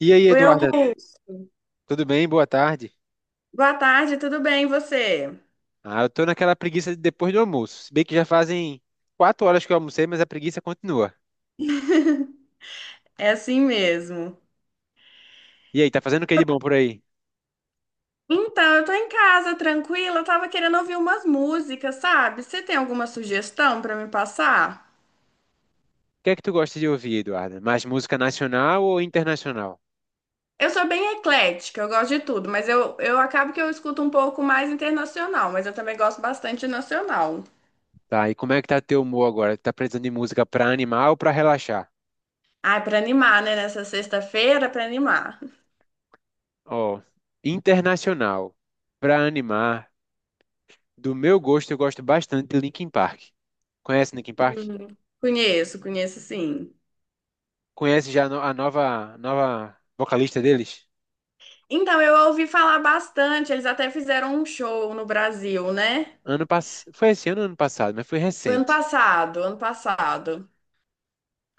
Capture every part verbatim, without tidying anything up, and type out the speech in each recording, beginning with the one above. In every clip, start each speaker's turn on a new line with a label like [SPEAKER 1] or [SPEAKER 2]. [SPEAKER 1] E aí,
[SPEAKER 2] Oi,
[SPEAKER 1] Eduarda,
[SPEAKER 2] Augusto.
[SPEAKER 1] tudo bem? Boa tarde.
[SPEAKER 2] Boa tarde, tudo bem, e você?
[SPEAKER 1] Ah, eu tô naquela preguiça de depois do almoço. Se bem que já fazem quatro horas que eu almocei, mas a preguiça continua.
[SPEAKER 2] É assim mesmo.
[SPEAKER 1] E aí, tá fazendo o que de bom por aí? O
[SPEAKER 2] Então, eu tô em casa, tranquila, eu tava querendo ouvir umas músicas, sabe? Você tem alguma sugestão pra me passar?
[SPEAKER 1] que é que tu gosta de ouvir, Eduarda? Mais música nacional ou internacional?
[SPEAKER 2] Eu sou bem eclética, eu gosto de tudo, mas eu, eu acabo que eu escuto um pouco mais internacional, mas eu também gosto bastante nacional.
[SPEAKER 1] Tá, e como é que tá teu humor agora? Tá precisando de música pra animar ou pra relaxar?
[SPEAKER 2] Ah, pra animar, né? Nessa sexta-feira, pra animar.
[SPEAKER 1] Ó, internacional, pra animar, do meu gosto, eu gosto bastante de Linkin Park. Conhece Linkin Park?
[SPEAKER 2] Uhum. Conheço, conheço sim.
[SPEAKER 1] Conhece já a no- a nova, nova vocalista deles?
[SPEAKER 2] Então, eu ouvi falar bastante, eles até fizeram um show no Brasil, né?
[SPEAKER 1] Ano pass... Foi esse ano ou ano passado, mas foi
[SPEAKER 2] Foi ano
[SPEAKER 1] recente.
[SPEAKER 2] passado, ano passado.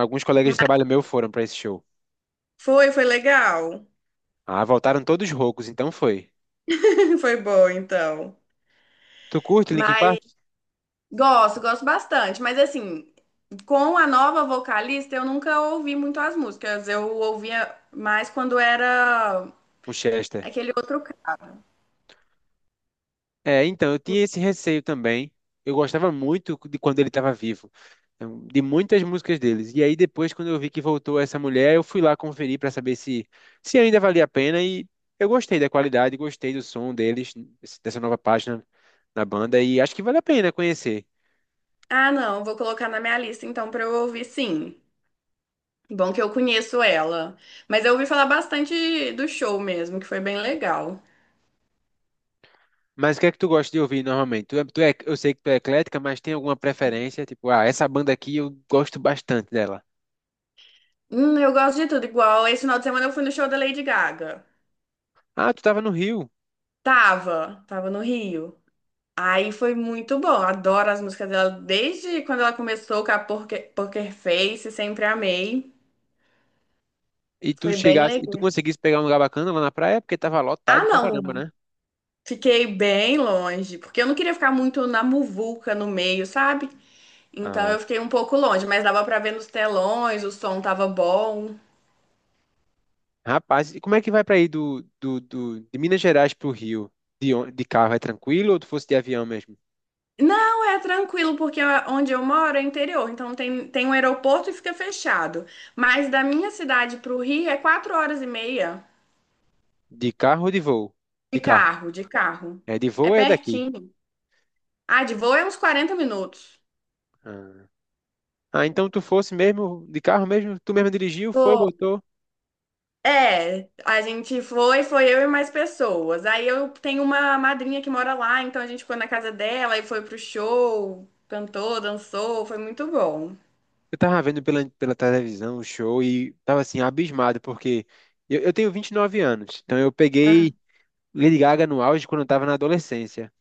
[SPEAKER 1] Alguns colegas de trabalho meu foram pra esse show.
[SPEAKER 2] Foi, foi legal.
[SPEAKER 1] Ah, voltaram todos roucos, então foi.
[SPEAKER 2] Foi bom, então.
[SPEAKER 1] Tu curte Linkin Park?
[SPEAKER 2] Mas gosto, gosto bastante. Mas assim, com a nova vocalista, eu nunca ouvi muito as músicas. Eu ouvia mais quando era
[SPEAKER 1] O Chester.
[SPEAKER 2] aquele outro. ca-
[SPEAKER 1] É, então, eu tinha esse receio também. Eu gostava muito de quando ele estava vivo, então, de muitas músicas deles. E aí depois, quando eu vi que voltou essa mulher, eu fui lá conferir para saber se, se ainda valia a pena e eu gostei da qualidade, gostei do som deles, dessa nova página na banda e acho que vale a pena conhecer.
[SPEAKER 2] Ah, não, vou colocar na minha lista então pra eu ouvir sim. Bom que eu conheço ela. Mas eu ouvi falar bastante do show mesmo, que foi bem legal.
[SPEAKER 1] Mas o que é que tu gosta de ouvir normalmente? Tu é, tu é, eu sei que tu é eclética, mas tem alguma preferência? Tipo, ah, essa banda aqui eu gosto bastante dela.
[SPEAKER 2] Hum, eu gosto de tudo, igual esse final de semana eu fui no show da Lady Gaga.
[SPEAKER 1] Ah, tu tava no Rio
[SPEAKER 2] Tava, tava no Rio. Aí foi muito bom. Adoro as músicas dela desde quando ela começou com a Poker, Poker Face, sempre amei.
[SPEAKER 1] e tu
[SPEAKER 2] Foi bem
[SPEAKER 1] chegasse e tu
[SPEAKER 2] legal.
[SPEAKER 1] conseguisse pegar um lugar bacana lá na praia porque tava
[SPEAKER 2] Ah,
[SPEAKER 1] lotado pra caramba,
[SPEAKER 2] não,
[SPEAKER 1] né?
[SPEAKER 2] fiquei bem longe, porque eu não queria ficar muito na muvuca no meio, sabe? Então
[SPEAKER 1] Ah,
[SPEAKER 2] eu fiquei um pouco longe, mas dava pra ver nos telões, o som tava bom.
[SPEAKER 1] rapaz, e como é que vai pra ir do, do, do- de Minas Gerais pro Rio? De, on- de carro é tranquilo ou tu fosse de avião mesmo?
[SPEAKER 2] Não, é tranquilo, porque a- onde eu moro é interior, então tem, tem um aeroporto e fica fechado. Mas da minha cidade pro Rio é quatro horas e meia
[SPEAKER 1] De carro ou de voo?
[SPEAKER 2] de
[SPEAKER 1] De carro.
[SPEAKER 2] carro, de carro.
[SPEAKER 1] É, de
[SPEAKER 2] É
[SPEAKER 1] voo é daqui.
[SPEAKER 2] pertinho. Ah, de voo é uns quarenta minutos.
[SPEAKER 1] Ah, Ah, então tu fosse mesmo de carro mesmo? Tu mesmo dirigiu, foi,
[SPEAKER 2] Pô,
[SPEAKER 1] voltou?
[SPEAKER 2] é, a gente foi, foi eu e mais pessoas. Aí eu tenho uma madrinha que mora lá, então a gente ficou na casa dela e foi pro show, cantou, dançou, foi muito bom.
[SPEAKER 1] Eu tava vendo pela, pela televisão o show e tava assim, abismado, porque eu, eu tenho vinte e nove anos, então eu
[SPEAKER 2] Ah,
[SPEAKER 1] peguei Lady Gaga no auge quando eu tava na adolescência.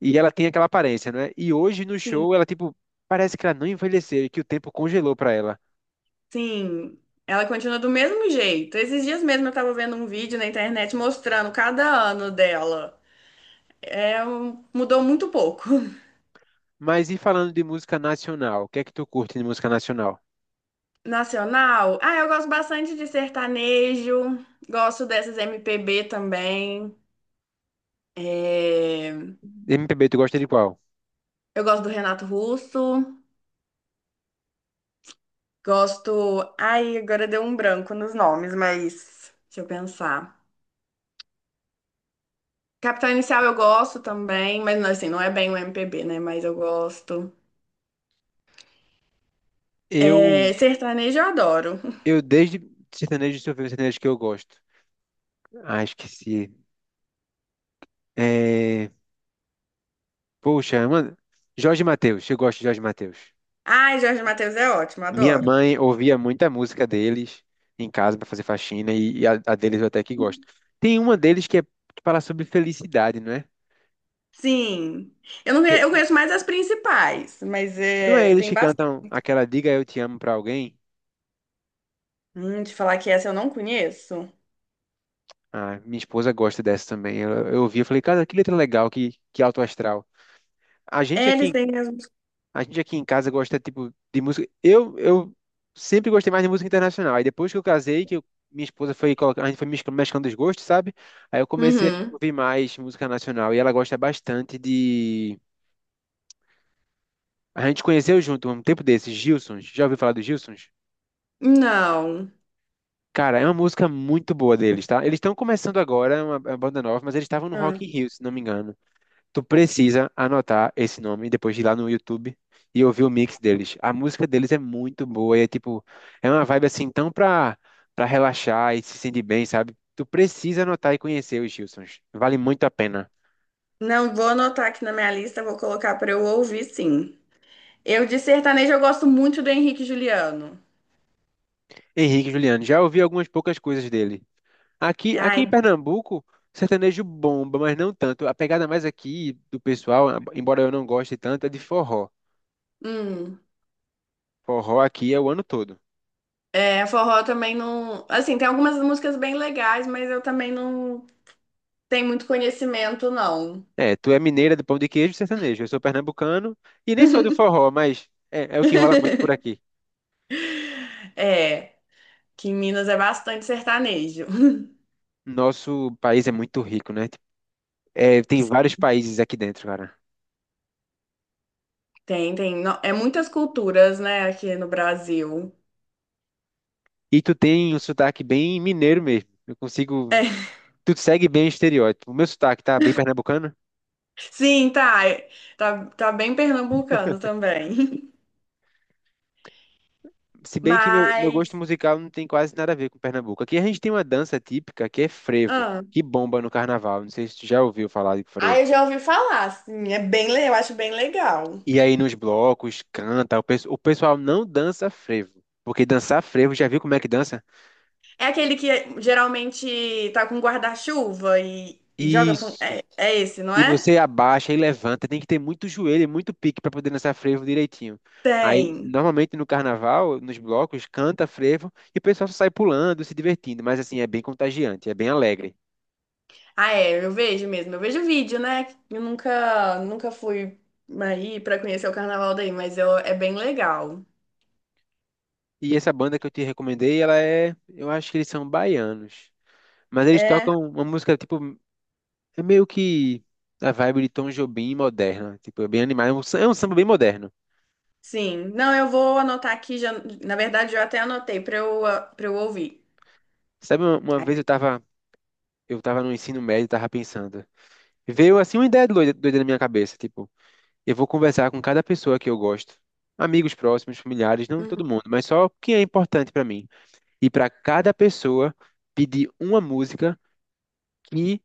[SPEAKER 1] E ela tem aquela aparência, né? E hoje no
[SPEAKER 2] sim.
[SPEAKER 1] show ela, tipo, parece que ela não envelheceu e que o tempo congelou pra ela.
[SPEAKER 2] Sim, ela continua do mesmo jeito. Esses dias mesmo eu tava vendo um vídeo na internet mostrando cada ano dela. É, um- mudou muito pouco.
[SPEAKER 1] Mas e falando de música nacional, o que é que tu curte de música nacional?
[SPEAKER 2] Nacional? Ah, eu gosto bastante de sertanejo, gosto dessas M P B também. É,
[SPEAKER 1] M P B, tu gosta de qual?
[SPEAKER 2] eu gosto do Renato Russo, gosto. Ai, agora deu um branco nos nomes, mas deixa eu pensar. Capital Inicial eu gosto também, mas não, assim, não é bem o M P B, né? Mas eu gosto.
[SPEAKER 1] Eu,
[SPEAKER 2] É, sertanejo eu adoro.
[SPEAKER 1] eu desde sertanejo, deixa eu ver o sertanejo que eu gosto. Ah, esqueci. É... Poxa, mano, Jorge Mateus, eu gosto de Jorge Mateus.
[SPEAKER 2] Ai, Jorge Mateus é ótimo,
[SPEAKER 1] Minha
[SPEAKER 2] adoro.
[SPEAKER 1] mãe ouvia muita música deles em casa para fazer faxina e, e a, a deles eu até que gosto. Tem uma deles que, é, que fala sobre felicidade, não é?
[SPEAKER 2] Sim. Eu não, conhe-
[SPEAKER 1] Que,
[SPEAKER 2] eu conheço mais as principais, mas
[SPEAKER 1] não é
[SPEAKER 2] é,
[SPEAKER 1] eles
[SPEAKER 2] tem
[SPEAKER 1] que
[SPEAKER 2] bastante.
[SPEAKER 1] cantam aquela Diga Eu Te Amo para alguém?
[SPEAKER 2] Hum, te falar que essa eu não conheço.
[SPEAKER 1] Ah, minha esposa gosta dessa também. Eu, eu ouvi e falei, cara, que letra legal, que, que alto astral. A gente
[SPEAKER 2] É, eles
[SPEAKER 1] aqui
[SPEAKER 2] têm as.
[SPEAKER 1] A gente aqui em casa gosta, tipo, de música. Eu, eu sempre gostei mais de música internacional. Aí depois que eu casei, que eu- minha esposa foi colocar, a gente foi mesclando mesclando os gostos, sabe? Aí eu comecei a
[SPEAKER 2] Uhum.
[SPEAKER 1] ouvir mais música nacional. E ela gosta bastante de. A gente conheceu junto um tempo desses, Gilsons. Já ouviu falar dos Gilsons?
[SPEAKER 2] Não.
[SPEAKER 1] Cara, é uma música muito boa deles, tá? Eles estão começando agora, é uma, é uma banda nova, mas eles estavam no
[SPEAKER 2] Ah.
[SPEAKER 1] Rock in Rio, se não me engano. Tu precisa anotar esse nome e depois de ir lá no YouTube e ouvir o mix deles. A música deles é muito boa e é tipo, é uma vibe assim tão pra, pra relaxar e se sentir bem, sabe? Tu precisa anotar e conhecer os Gilsons. Vale muito a pena.
[SPEAKER 2] Não, vou anotar aqui na minha lista, vou colocar para eu ouvir, sim. Eu de sertanejo eu gosto muito do Henrique e Juliano.
[SPEAKER 1] Henrique e Juliano, já ouvi algumas poucas coisas dele. Aqui, aqui
[SPEAKER 2] Ai,
[SPEAKER 1] em Pernambuco, sertanejo bomba, mas não tanto. A pegada mais aqui do pessoal, embora eu não goste tanto, é de forró.
[SPEAKER 2] hum.
[SPEAKER 1] Forró aqui é o ano todo.
[SPEAKER 2] É, forró também não. Assim, tem algumas músicas bem legais, mas eu também não tenho muito conhecimento, não.
[SPEAKER 1] É, tu é mineira do pão de queijo e sertanejo. Eu sou pernambucano e nem sou do forró, mas é, é o que rola muito por aqui.
[SPEAKER 2] É, que em Minas é bastante sertanejo.
[SPEAKER 1] Nosso país é muito rico, né? Tipo, É, tem vários países aqui dentro, cara.
[SPEAKER 2] Tem, tem. no- É muitas culturas, né, aqui no Brasil.
[SPEAKER 1] E tu tem um sotaque bem mineiro mesmo. Eu consigo.
[SPEAKER 2] É,
[SPEAKER 1] Tu segue bem o estereótipo. O meu sotaque tá bem pernambucano.
[SPEAKER 2] sim, tá. É, tá, tá bem pernambucano também.
[SPEAKER 1] Se bem que meu, meu gosto
[SPEAKER 2] Mas.
[SPEAKER 1] musical não tem quase nada a ver com Pernambuco. Aqui a gente tem uma dança típica que é frevo, que bomba no carnaval. Não sei se tu já ouviu falar de
[SPEAKER 2] Ah,
[SPEAKER 1] frevo.
[SPEAKER 2] eu já ouvi falar, sim. É bem, le- eu acho bem legal.
[SPEAKER 1] E aí nos blocos, canta, o, pes- o pessoal não dança frevo, porque dançar frevo, já viu como é que dança?
[SPEAKER 2] É aquele que geralmente tá com guarda-chuva e e joga com.
[SPEAKER 1] Isso.
[SPEAKER 2] É, é esse, não
[SPEAKER 1] E
[SPEAKER 2] é?
[SPEAKER 1] você abaixa e levanta, tem que ter muito joelho e muito pique para poder dançar frevo direitinho. Aí,
[SPEAKER 2] Tem.
[SPEAKER 1] normalmente no carnaval, nos blocos, canta frevo e o pessoal só sai pulando, se divertindo, mas assim, é bem contagiante, é bem alegre.
[SPEAKER 2] Ah, é, eu vejo mesmo. Eu vejo vídeo, né? Eu nunca, nunca fui aí pra conhecer o carnaval daí, mas eu, é bem legal.
[SPEAKER 1] E essa banda que eu te recomendei, ela é, eu acho que eles são baianos, mas eles
[SPEAKER 2] É,
[SPEAKER 1] tocam uma música tipo É meio que a vibe de Tom Jobim moderna. Tipo, é bem animado. É um sam- é um samba bem moderno.
[SPEAKER 2] sim. Não, eu vou anotar aqui já. Na verdade, eu até anotei pra eu, ah, pra eu ouvir.
[SPEAKER 1] Sabe, uma, uma vez eu tava, eu tava no ensino médio e tava pensando. Veio assim uma ideia doida, doida na minha cabeça. Tipo, eu vou conversar com cada pessoa que eu gosto. Amigos próximos, familiares, não
[SPEAKER 2] Uhum.
[SPEAKER 1] todo mundo, mas só quem é importante pra mim. E pra cada pessoa pedir uma música que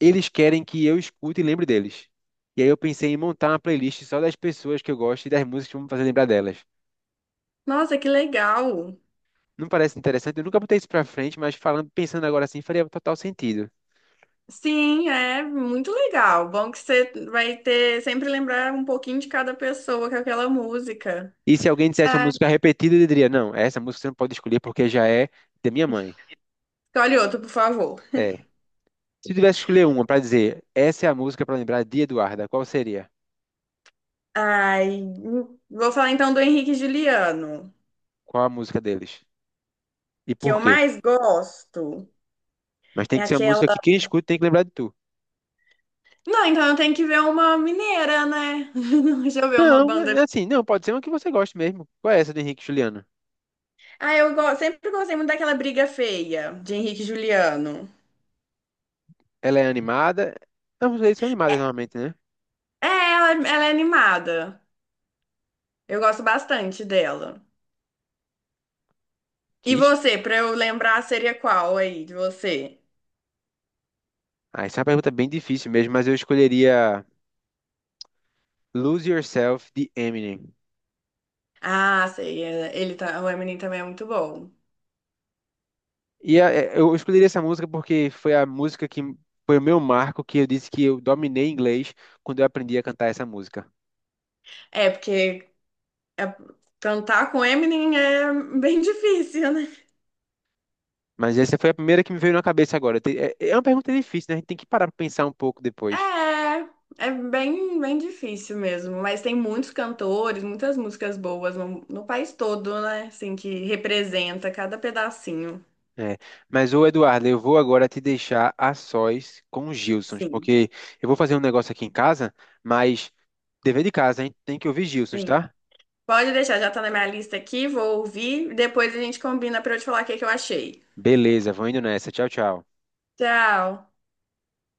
[SPEAKER 1] eles querem que eu escute e lembre deles. E aí eu pensei em montar uma playlist só das pessoas que eu gosto e das músicas que vão me fazer lembrar delas.
[SPEAKER 2] Nossa, que legal!
[SPEAKER 1] Não parece interessante? Eu nunca botei isso pra frente, mas falando, pensando agora assim, faria total sentido.
[SPEAKER 2] Sim, é muito legal. Bom que você vai ter sempre lembrar um pouquinho de cada pessoa com aquela música.
[SPEAKER 1] E se alguém dissesse uma
[SPEAKER 2] É.
[SPEAKER 1] música repetida, eu diria, não, essa música você não pode escolher porque já é da minha mãe.
[SPEAKER 2] Escolhe outro, por favor.
[SPEAKER 1] É. Se eu tivesse que escolher uma pra dizer, essa é a música pra lembrar de Eduarda, qual seria?
[SPEAKER 2] Ai, vou falar então do Henrique e Juliano,
[SPEAKER 1] Qual a música deles? E
[SPEAKER 2] que
[SPEAKER 1] por
[SPEAKER 2] eu
[SPEAKER 1] quê?
[SPEAKER 2] mais gosto.
[SPEAKER 1] Mas tem
[SPEAKER 2] É
[SPEAKER 1] que ser uma
[SPEAKER 2] aquela.
[SPEAKER 1] música que quem escuta tem que lembrar de tu.
[SPEAKER 2] Não, então eu tenho que ver uma mineira, né? Deixa eu ver uma
[SPEAKER 1] Não, é
[SPEAKER 2] banda.
[SPEAKER 1] é assim, não, pode ser uma que você goste mesmo. Qual é essa do Henrique e Juliano?
[SPEAKER 2] Ah, eu go- sempre gostei muito daquela Briga Feia, de Henrique e Juliano.
[SPEAKER 1] Ela é animada? Não, vocês são animadas normalmente, né?
[SPEAKER 2] É, ela, ela é animada. Eu gosto bastante dela.
[SPEAKER 1] Que
[SPEAKER 2] E
[SPEAKER 1] est...
[SPEAKER 2] você, pra eu lembrar, seria qual aí de você?
[SPEAKER 1] Ah, essa é uma pergunta bem difícil mesmo, mas eu escolheria. Lose Yourself de Eminem.
[SPEAKER 2] Ah, sei, é- ele tá, o Eminem também é muito bom.
[SPEAKER 1] E a- é, eu escolhi essa música porque foi a música que foi o meu marco que eu disse que eu dominei inglês quando eu aprendi a cantar essa música.
[SPEAKER 2] É, porque é- cantar com Eminem é bem difícil, né?
[SPEAKER 1] Mas essa foi a primeira que me veio na cabeça agora. Tem- É é uma pergunta difícil, né? A gente tem que parar para pensar um pouco depois.
[SPEAKER 2] É, é bem, bem difícil mesmo, mas tem muitos cantores, muitas músicas boas no, no país todo, né? Assim, que representa cada pedacinho.
[SPEAKER 1] É. Mas, ô Eduardo, eu vou agora te deixar a sós com os Gilsons,
[SPEAKER 2] Sim,
[SPEAKER 1] porque eu vou fazer um negócio aqui em casa, mas dever de casa, a gente tem que ouvir Gilsons,
[SPEAKER 2] sim.
[SPEAKER 1] tá?
[SPEAKER 2] Pode deixar, já tá na minha lista aqui, vou ouvir, depois a gente combina pra eu te falar o que que eu achei.
[SPEAKER 1] Beleza, vou indo nessa. Tchau, tchau.
[SPEAKER 2] Tchau!